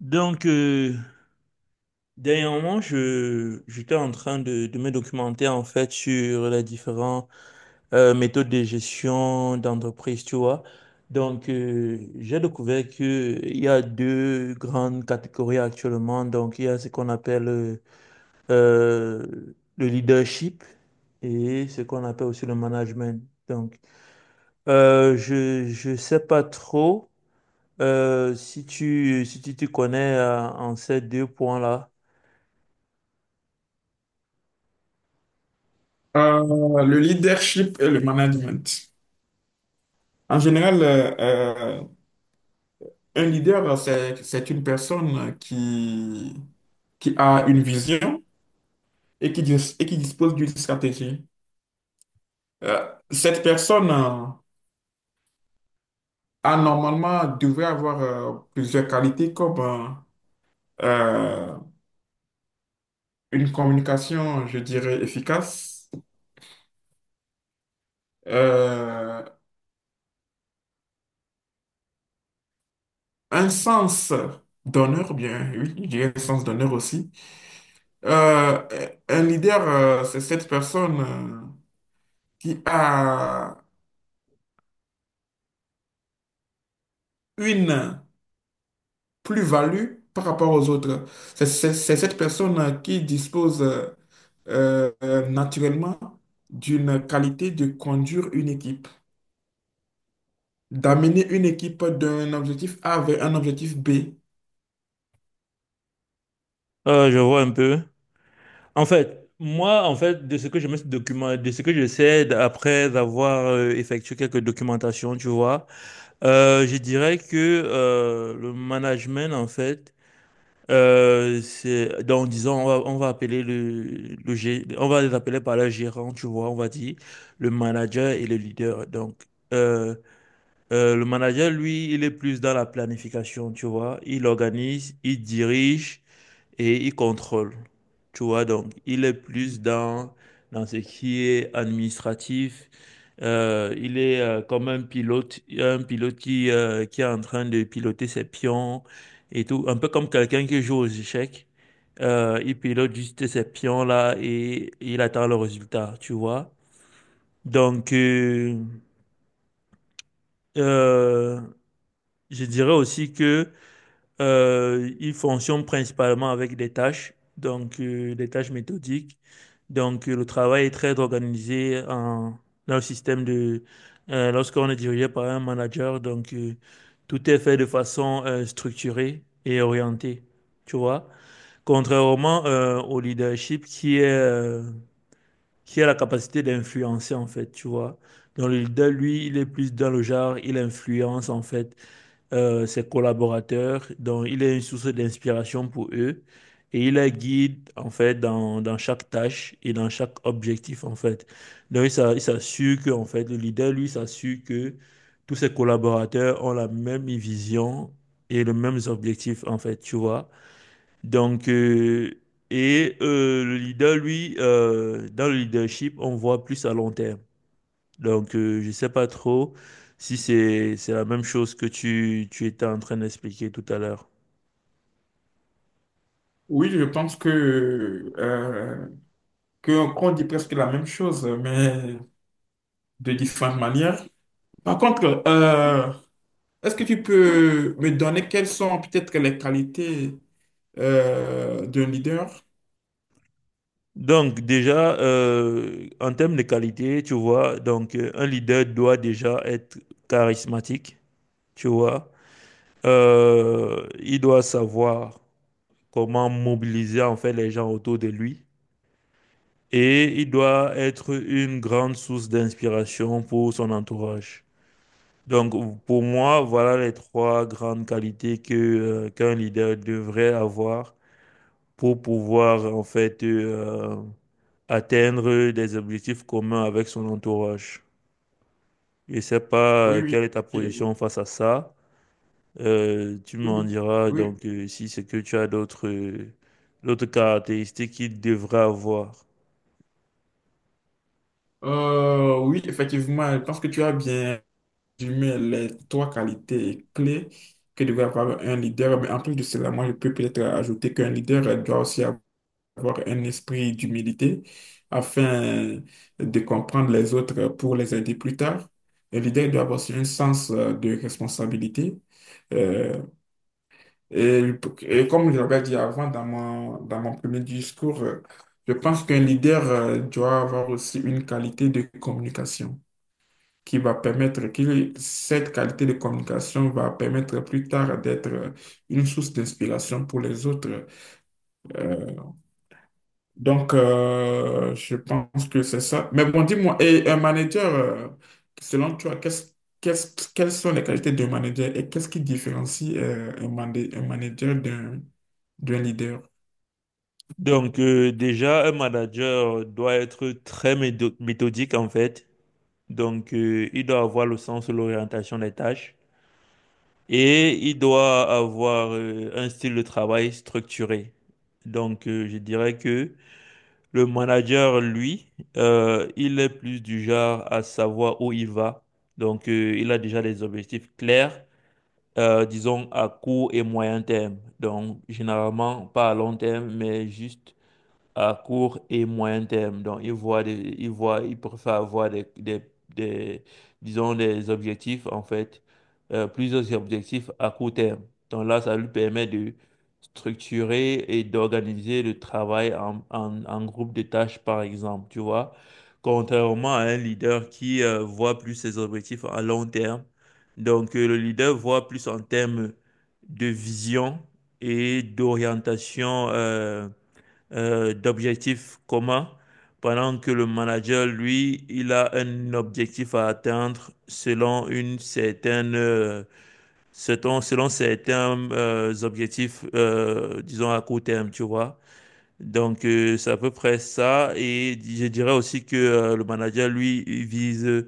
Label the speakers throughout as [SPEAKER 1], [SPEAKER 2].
[SPEAKER 1] Donc, euh, Dernièrement, j'étais en train de me documenter en fait sur les différentes méthodes de gestion d'entreprise, tu vois. J'ai découvert qu'il y a deux grandes catégories actuellement. Donc, il y a ce qu'on appelle euh, le leadership et ce qu'on appelle aussi le management. Donc, je sais pas trop si tu te connais en ces deux points-là.
[SPEAKER 2] Le leadership et le management. En général, un leader, c'est une personne qui a une vision et qui, et qui dispose d'une stratégie. Euh, Cette personne a normalement devrait avoir plusieurs qualités comme euh, une communication, je dirais, efficace, euh, un sens d'honneur, bien oui, je dirais un sens d'honneur aussi. Un leader, c'est cette personne qui a une plus-value par rapport aux autres. C'est cette personne qui dispose naturellement d'une qualité de conduire une équipe, d'amener une équipe d'un objectif A vers un objectif B.
[SPEAKER 1] Je vois un peu. En fait, moi, en fait, de ce que je me suis document, de ce que je sais après avoir effectué quelques documentations, tu vois, je dirais que le management, en fait, c'est, donc disons, on va appeler on va les appeler par leur gérant, tu vois, on va dire le manager et le leader. Euh, le manager, lui, il est plus dans la planification, tu vois, il organise, il dirige et il contrôle. Tu vois, donc il est plus dans ce qui est administratif. Il est comme un pilote qui est en train de piloter ses pions et tout. Un peu comme quelqu'un qui joue aux échecs. Il pilote juste ses pions là et il attend le résultat, tu vois. Donc, euh, euh, je dirais aussi que il fonctionne principalement avec des tâches, donc des tâches méthodiques. Le travail est très organisé dans le système de... lorsqu'on est dirigé par un manager, donc tout est fait de façon structurée et orientée, tu vois. Contrairement au leadership qui est, qui a la capacité d'influencer, en fait, tu vois. Donc le leader, lui, il est plus dans le genre, il influence, en fait ses collaborateurs. Donc, il est une source d'inspiration pour eux et il les guide, en fait, dans chaque tâche et dans chaque objectif, en fait. Donc, il s'assure que, en fait, le leader, lui, s'assure que tous ses collaborateurs ont la même vision et les mêmes objectifs, en fait, tu vois. Donc, euh, le leader, lui, dans le leadership, on voit plus à long terme. Je sais pas trop si c'est la même chose que tu étais en train d'expliquer tout à l'heure.
[SPEAKER 2] Oui, je pense qu'on dit presque la même chose, mais de différentes manières. Par contre, est-ce que tu peux me donner quelles sont peut-être les qualités d'un leader?
[SPEAKER 1] En termes de qualité, tu vois, donc un leader doit déjà être charismatique, tu vois. Il doit savoir comment mobiliser en fait les gens autour de lui et il doit être une grande source d'inspiration pour son entourage. Donc, pour moi, voilà les trois grandes qualités que, qu'un leader devrait avoir pour pouvoir, en fait, atteindre des objectifs communs avec son entourage. Je ne sais pas
[SPEAKER 2] Oui, oui.
[SPEAKER 1] quelle est ta position face à ça. Tu
[SPEAKER 2] Oui,
[SPEAKER 1] m'en diras
[SPEAKER 2] oui.
[SPEAKER 1] donc si c'est que tu as d'autres d'autres caractéristiques qu'il devrait avoir.
[SPEAKER 2] Oui, effectivement, je pense que tu as bien résumé les trois qualités clés que devrait avoir un leader. Mais en plus de cela, moi, je peux peut-être ajouter qu'un leader doit aussi avoir un esprit d'humilité afin de comprendre les autres pour les aider plus tard. Un leader doit avoir aussi un sens de responsabilité. euh, Et, et comme je l'avais dit avant dans dans mon premier discours, je pense qu'un leader doit avoir aussi une qualité de communication qui va permettre, que cette qualité de communication va permettre plus tard d'être une source d'inspiration pour les autres. Euh, donc, je pense que c'est ça. Mais bon, dis-moi, et un manager, selon toi, quelles sont les qualités d'un manager et qu'est-ce qui différencie un manager d'un d'un leader?
[SPEAKER 1] Un manager doit être très méthodique, en fait. Donc, il doit avoir le sens de l'orientation des tâches et il doit avoir un style de travail structuré. Donc, je dirais que le manager, lui, il est plus du genre à savoir où il va. Donc, il a déjà des objectifs clairs, disons à court et moyen terme. Donc, généralement, pas à long terme, mais juste à court et moyen terme. Donc, ils voient, ils préfèrent avoir des- disons, des objectifs, en fait, plusieurs objectifs à court terme. Donc là, ça lui permet de structurer et d'organiser le travail en groupe de tâches, par exemple, tu vois. Contrairement à un leader qui voit plus ses objectifs à long terme. Donc, le leader voit plus en termes de vision et d'orientation. D'objectifs communs, pendant que le manager, lui, il a un objectif à atteindre selon une certaine, selon certains objectifs, disons à court terme, tu vois. Donc, c'est à peu près ça. Et je dirais aussi que le manager, lui, il vise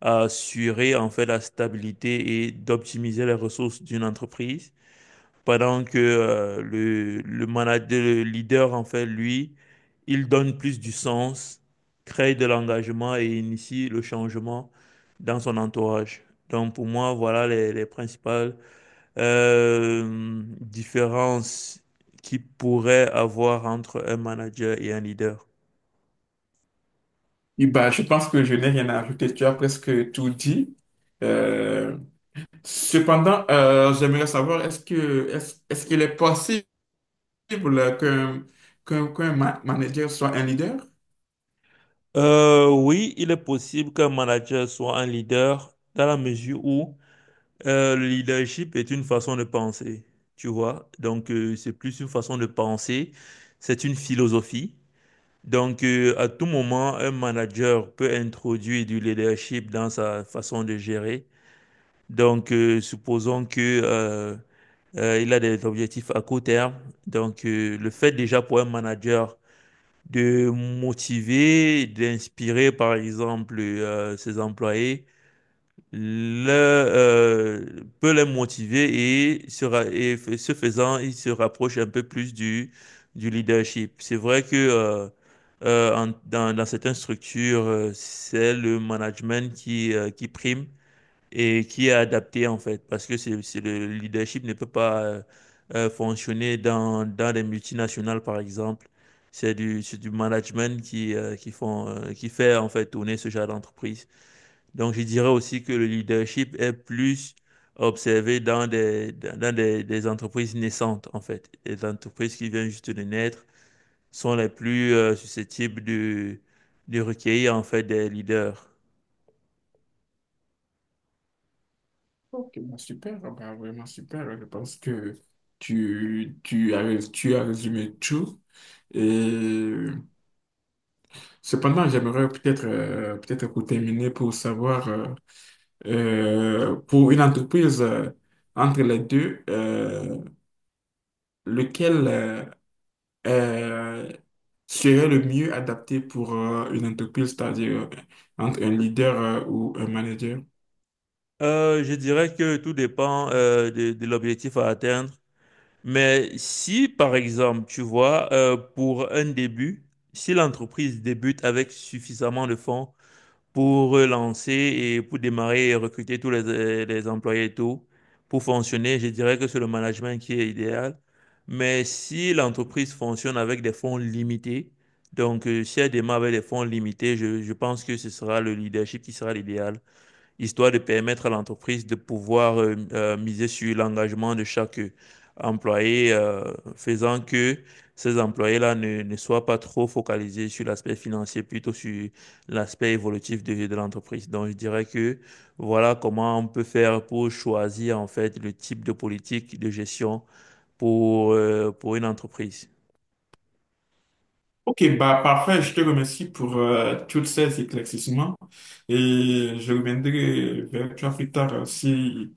[SPEAKER 1] à assurer en fait la stabilité et d'optimiser les ressources d'une entreprise. Pendant que le leader, en fait, lui, il donne plus du sens, crée de l'engagement et initie le changement dans son entourage. Donc pour moi, voilà les principales différences qu'il pourrait avoir entre un manager et un leader.
[SPEAKER 2] Oui, bah, je pense que je n'ai rien à ajouter. Tu as presque tout dit. Euh, Cependant, j'aimerais savoir, est-ce qu'il est possible qu'un, manager soit un leader?
[SPEAKER 1] Oui, il est possible qu'un manager soit un leader dans la mesure où le leadership est une façon de penser, tu vois. Donc, c'est plus une façon de penser, c'est une philosophie. Donc, à tout moment, un manager peut introduire du leadership dans sa façon de gérer. Donc, supposons que il a des objectifs à court terme. Donc, le fait déjà pour un manager de motiver, d'inspirer, par exemple, ses employés le, peut les motiver et, se ra- et f- ce faisant, ils se rapprochent un peu plus du leadership. C'est vrai que dans certaines structures, c'est le management qui prime et qui est adapté en fait, parce que c'est le leadership ne peut pas fonctionner dans les multinationales, par exemple. C'est du management qui, qui fait en fait tourner ce genre d'entreprise. Donc, je dirais aussi que le leadership est plus observé dans des entreprises naissantes, en fait. Les entreprises qui viennent juste de naître sont les plus susceptibles de recueillir, en fait, des leaders.
[SPEAKER 2] Ok, bah, super. Ah, bah, vraiment super. Je pense que tu as résumé tout. Et cependant, j'aimerais peut-être, peut-être pour terminer, pour savoir. Pour une entreprise entre les deux, lequel euh, serait le mieux adapté pour une entreprise, c'est-à-dire entre un leader ou un manager?
[SPEAKER 1] Je dirais que tout dépend de l'objectif à atteindre. Mais si, par exemple, tu vois, pour un début, si l'entreprise débute avec suffisamment de fonds, pour relancer et pour démarrer et recruter tous les employés et tout, pour fonctionner, je dirais que c'est le management qui est idéal. Mais si l'entreprise fonctionne avec des fonds limités, donc si elle démarre avec des fonds limités, je pense que ce sera le leadership qui sera l'idéal histoire de permettre à l'entreprise de pouvoir miser sur l'engagement de chaque employé, faisant que ces employés-là ne soient pas trop focalisés sur l'aspect financier, plutôt sur l'aspect évolutif de l'entreprise. Donc, je dirais que voilà comment on peut faire pour choisir en fait le type de politique de gestion pour une entreprise.
[SPEAKER 2] Ok, bah parfait, je te remercie pour tous ces éclaircissements et je reviendrai vers toi plus tard si